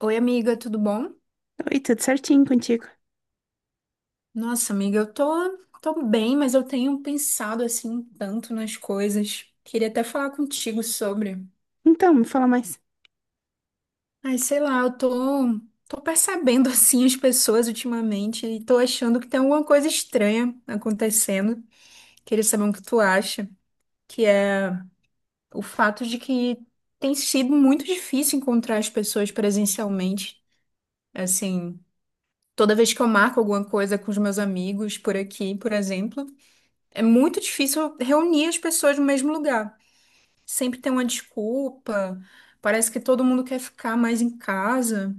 Oi, amiga, tudo bom? Oi, tudo certinho contigo? Nossa, amiga, eu tô bem, mas eu tenho pensado assim tanto nas coisas. Queria até falar contigo sobre. Então, me fala mais. Ai, sei lá, eu tô percebendo assim as pessoas ultimamente e tô achando que tem alguma coisa estranha acontecendo. Queria saber o que tu acha, que é o fato de que tem sido muito difícil encontrar as pessoas presencialmente. Assim, toda vez que eu marco alguma coisa com os meus amigos por aqui, por exemplo. É muito difícil reunir as pessoas no mesmo lugar. Sempre tem uma desculpa, parece que todo mundo quer ficar mais em casa.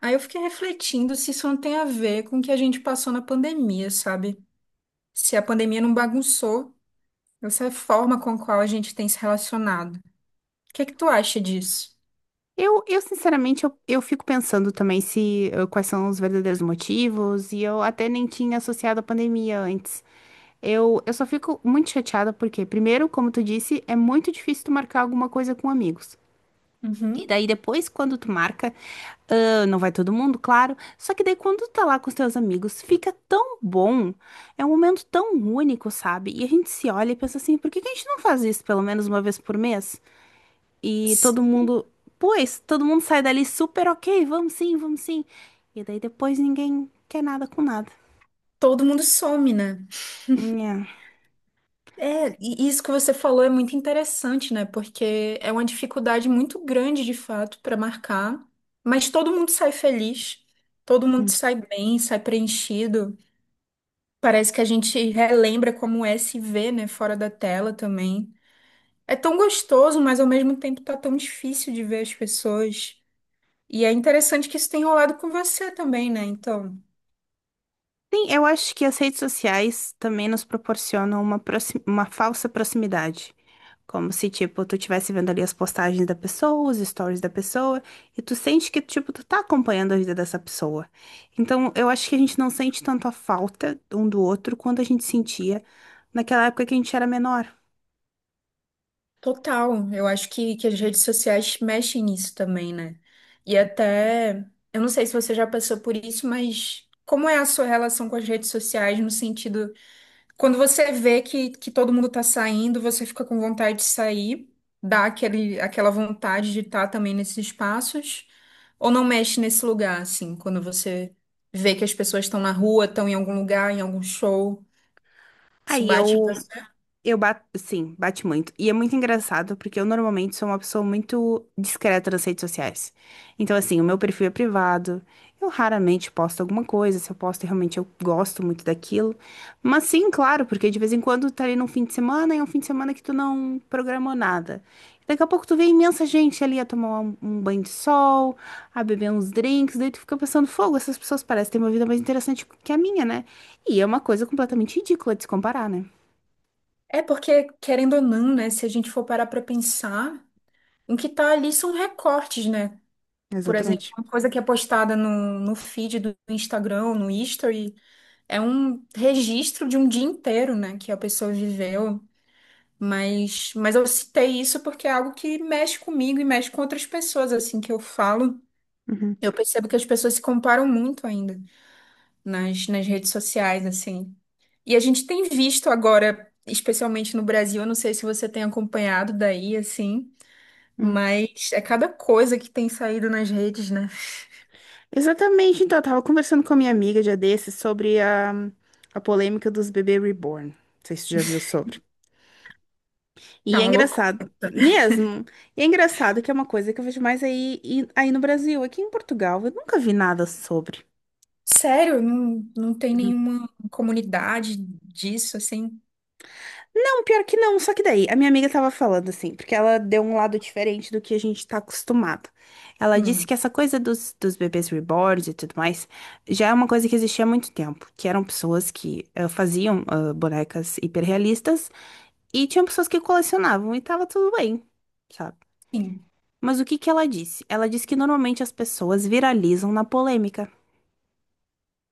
Aí eu fiquei refletindo se isso não tem a ver com o que a gente passou na pandemia, sabe? Se a pandemia não bagunçou essa forma com a qual a gente tem se relacionado. O que é que tu acha disso? Eu sinceramente, eu fico pensando também se quais são os verdadeiros motivos, e eu até nem tinha associado a pandemia antes. Eu só fico muito chateada porque, primeiro, como tu disse, é muito difícil tu marcar alguma coisa com amigos. E Uhum. daí depois, quando tu marca, ah, não vai todo mundo, claro. Só que daí quando tu tá lá com os teus amigos, fica tão bom. É um momento tão único, sabe? E a gente se olha e pensa assim, por que que a gente não faz isso pelo menos uma vez por mês? E Se todo mundo, pois, todo mundo sai dali super ok, vamos sim, vamos sim. E daí depois ninguém quer nada com nada. todo mundo some, né? Nhã. É, e isso que você falou é muito interessante, né? Porque é uma dificuldade muito grande, de fato, para marcar, mas todo mundo sai feliz, todo mundo sai bem, sai preenchido. Parece que a gente relembra como é se ver, né, fora da tela também. É tão gostoso, mas ao mesmo tempo tá tão difícil de ver as pessoas. E é interessante que isso tem rolado com você também, né? Então. Sim, eu acho que as redes sociais também nos proporcionam uma, uma falsa proximidade. Como se, tipo, tu estivesse vendo ali as postagens da pessoa, os stories da pessoa, e tu sente que, tipo, tu tá acompanhando a vida dessa pessoa. Então, eu acho que a gente não sente tanto a falta um do outro quanto a gente sentia naquela época que a gente era menor. Total, eu acho que as redes sociais mexem nisso também, né? E até, eu não sei se você já passou por isso, mas como é a sua relação com as redes sociais no sentido, quando você vê que todo mundo tá saindo, você fica com vontade de sair, dá aquela vontade de estar também nesses espaços, ou não mexe nesse lugar, assim, quando você vê que as pessoas estão na rua, estão em algum lugar, em algum show, isso Aí bate em você. eu bato, sim, bate muito. E é muito engraçado porque eu normalmente sou uma pessoa muito discreta nas redes sociais. Então, assim, o meu perfil é privado. Eu raramente posto alguma coisa. Se eu posto, realmente eu gosto muito daquilo. Mas sim, claro, porque de vez em quando tá ali num fim de semana e é um fim de semana que tu não programou nada. Daqui a pouco tu vê imensa gente ali a tomar um banho de sol, a beber uns drinks, daí tu fica pensando, fogo, essas pessoas parecem ter uma vida mais interessante que a minha, né? E é uma coisa completamente ridícula de se comparar, né? É porque, querendo ou não, né, se a gente for parar pra pensar. O que tá ali são recortes, né? Por exemplo, Exatamente. uma coisa que é postada no feed do Instagram, no History, é um registro de um dia inteiro, né? Que a pessoa viveu. Mas eu citei isso porque é algo que mexe comigo e mexe com outras pessoas, assim, que eu falo. Uhum, Eu percebo que as pessoas se comparam muito ainda nas redes sociais, assim. E a gente tem visto agora, especialmente no Brasil, eu não sei se você tem acompanhado daí, assim. uhum. Mas é cada coisa que tem saído nas redes, né? Exatamente, então, eu tava conversando com a minha amiga dia desses sobre a polêmica dos bebês reborn. Não sei se você já viu sobre. Tá E é uma loucura. engraçado, mesmo, e é engraçado que é uma coisa que eu vejo mais aí, aí no Brasil. Aqui em Portugal, eu nunca vi nada sobre. Sério, não tem nenhuma comunidade disso, assim? Não, pior que não. Só que daí, a minha amiga tava falando assim, porque ela deu um lado diferente do que a gente tá acostumado. Ela disse Hum, que essa coisa dos bebês reborns e tudo mais já é uma coisa que existia há muito tempo, que eram pessoas que faziam ah, bonecas hiperrealistas e tinham pessoas que colecionavam e tava tudo bem, sabe? sim. Mas o que que ela disse? Ela disse que normalmente as pessoas viralizam na polêmica.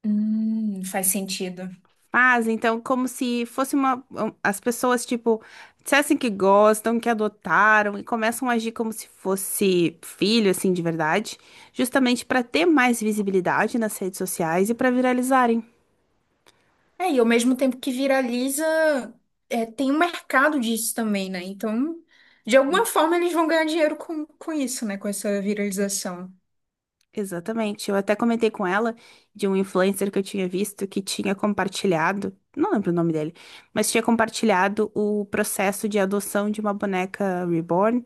Faz sentido. Mas então, como se fosse uma. Um, As pessoas, tipo, dissessem que gostam, que adotaram e começam a agir como se fosse filho, assim, de verdade, justamente para ter mais visibilidade nas redes sociais e para viralizarem. É, e ao mesmo tempo que viraliza, é, tem um mercado disso também, né? Então, de alguma forma, eles vão ganhar dinheiro com isso, né? Com essa viralização. Exatamente. Eu até comentei com ela de um influencer que eu tinha visto que tinha compartilhado, não lembro o nome dele, mas tinha compartilhado o processo de adoção de uma boneca reborn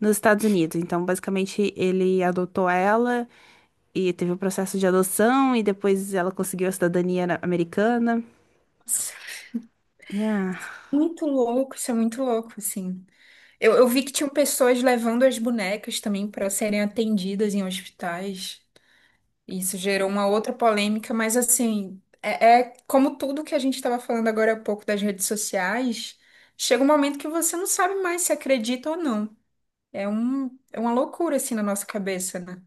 nos Estados Unidos. Então, basicamente, ele adotou ela. E teve o processo de adoção, e depois ela conseguiu a cidadania americana. Nossa, E, ah, muito louco, isso é muito louco, assim. Eu vi que tinham pessoas levando as bonecas também para serem atendidas em hospitais. Isso gerou uma outra polêmica, mas assim, é, é como tudo que a gente estava falando agora há pouco das redes sociais, chega um momento que você não sabe mais se acredita ou não. É um, é uma loucura assim na nossa cabeça, né?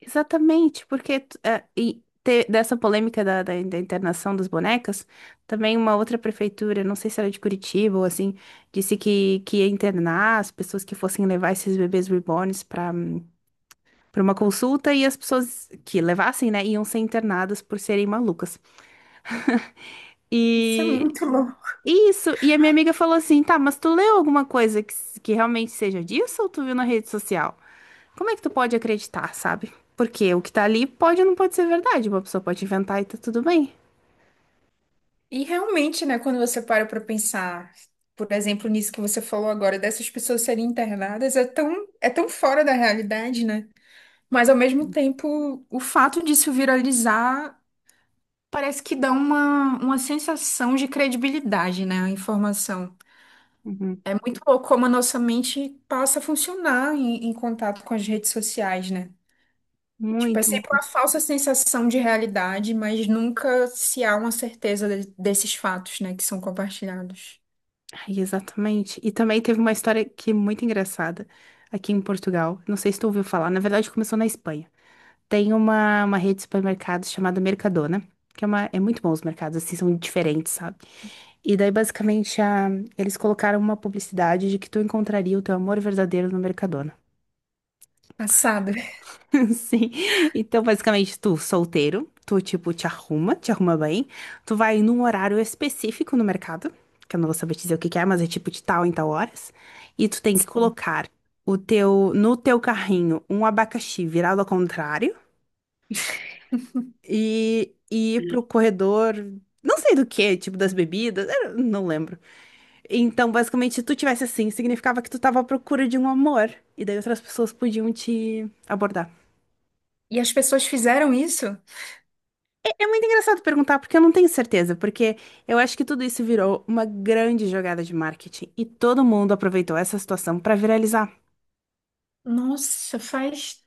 exatamente, porque dessa polêmica da internação das bonecas, também uma outra prefeitura, não sei se era de Curitiba ou assim, disse que ia internar as pessoas que fossem levar esses bebês reborns para uma consulta, e as pessoas que levassem, né, iam ser internadas por serem malucas. Isso é E muito louco. Isso, e a minha amiga falou assim: tá, mas tu leu alguma coisa que, que realmente seja disso ou tu viu na rede social? Como é que tu pode acreditar, sabe? Porque o que tá ali pode ou não pode ser verdade, uma pessoa pode inventar e tá tudo bem. E realmente, né, quando você para para pensar, por exemplo, nisso que você falou agora, dessas pessoas serem internadas, é tão fora da realidade, né? Mas ao mesmo tempo, o fato disso viralizar parece que dá uma sensação de credibilidade, né, a informação. Uhum. É muito louco como a nossa mente passa a funcionar em contato com as redes sociais, né? Tipo, é Muito, sempre uma muito. falsa sensação de realidade, mas nunca se há uma certeza desses fatos, né, que são compartilhados. Ai, exatamente. E também teve uma história que é muito engraçada aqui em Portugal. Não sei se tu ouviu falar, na verdade começou na Espanha. Tem uma rede de supermercados chamada Mercadona, que é, uma, é muito bom os mercados, assim, são diferentes, sabe? E daí, basicamente, eles colocaram uma publicidade de que tu encontraria o teu amor verdadeiro no Mercadona. Passado. Sim. Então, basicamente, tu solteiro, tu, tipo, te arruma bem, tu vai num horário específico no mercado, que eu não vou saber te dizer o que que é, mas é tipo de tal em tal horas, e tu tem que colocar o teu, no teu carrinho um abacaxi virado ao contrário, e ir pro corredor, não sei do que, tipo das bebidas, eu não lembro. Então, basicamente, se tu tivesse assim, significava que tu tava à procura de um amor, e daí outras pessoas podiam te abordar. E as pessoas fizeram isso? É muito engraçado perguntar, porque eu não tenho certeza, porque eu acho que tudo isso virou uma grande jogada de marketing, e todo mundo aproveitou essa situação pra viralizar. Nossa,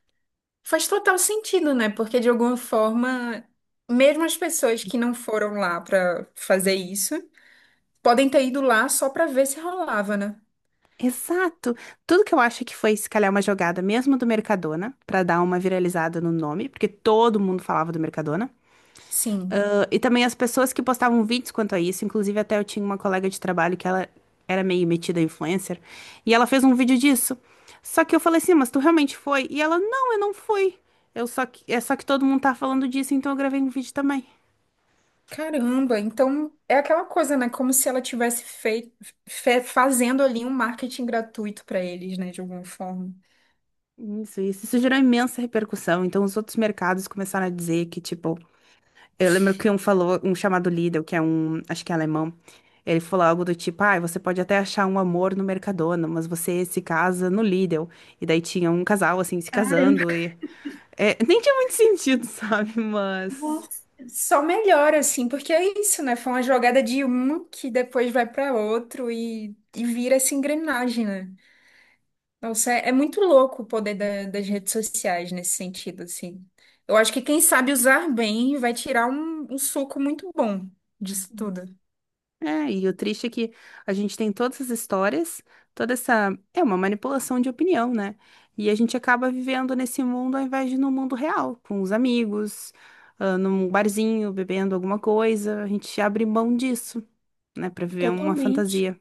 faz total sentido, né? Porque de alguma forma, mesmo as pessoas que não foram lá para fazer isso, podem ter ido lá só pra ver se rolava, né? Exato! Tudo que eu acho que foi, se calhar, uma jogada mesmo do Mercadona, pra dar uma viralizada no nome, porque todo mundo falava do Mercadona. Sim. Ah, e também as pessoas que postavam vídeos quanto a isso, inclusive até eu tinha uma colega de trabalho que ela era meio metida influencer, e ela fez um vídeo disso. Só que eu falei assim, mas tu realmente foi? E ela, não, eu não fui. É só que todo mundo tá falando disso, então eu gravei um vídeo também. Caramba, então é aquela coisa, né? Como se ela tivesse feito, fazendo ali um marketing gratuito pra eles, né? De alguma forma. Isso gerou imensa repercussão. Então os outros mercados começaram a dizer que, tipo, eu lembro que um falou, um chamado Lidl, que é um, acho que é alemão, ele falou algo do tipo, ah, você pode até achar um amor no Mercadona, mas você se casa no Lidl. E daí tinha um casal, assim, se Caramba. casando e... é, nem tinha muito sentido, sabe? Mas... Nossa. Só melhora, assim, porque é isso, né? Foi uma jogada de um que depois vai pra outro e vira essa engrenagem, né? Nossa, é, é muito louco o poder das redes sociais nesse sentido, assim. Eu acho que quem sabe usar bem vai tirar um suco muito bom disso tudo. é, e o triste é que a gente tem todas as histórias, toda essa... É uma manipulação de opinião, né? E a gente acaba vivendo nesse mundo ao invés de no mundo real, com os amigos, ah, num barzinho, bebendo alguma coisa, a gente abre mão disso, né, para viver uma Totalmente. fantasia.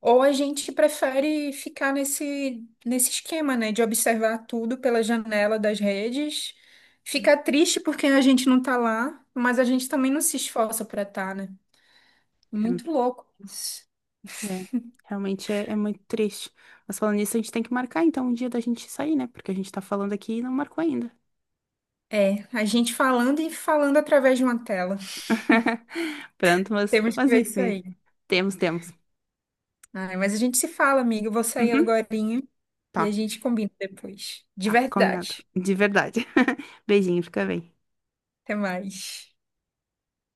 Ou a gente prefere ficar nesse esquema, né, de observar tudo pela janela das redes, ficar triste porque a gente não tá lá, mas a gente também não se esforça para estar, tá, né? Muito louco isso. É, é, realmente é muito triste. Mas falando nisso, a gente tem que marcar então um dia da gente sair, né? Porque a gente tá falando aqui e não marcou ainda. É, a gente falando e falando através de uma tela. Pronto, mas, Temos que mas ver isso enfim. aí. Temos, temos. Ai, mas a gente se fala, amiga. Eu vou sair Uhum, agorinha e a tá, gente combina depois. De tá, combinado. verdade. De verdade. Beijinho, fica bem. Até mais.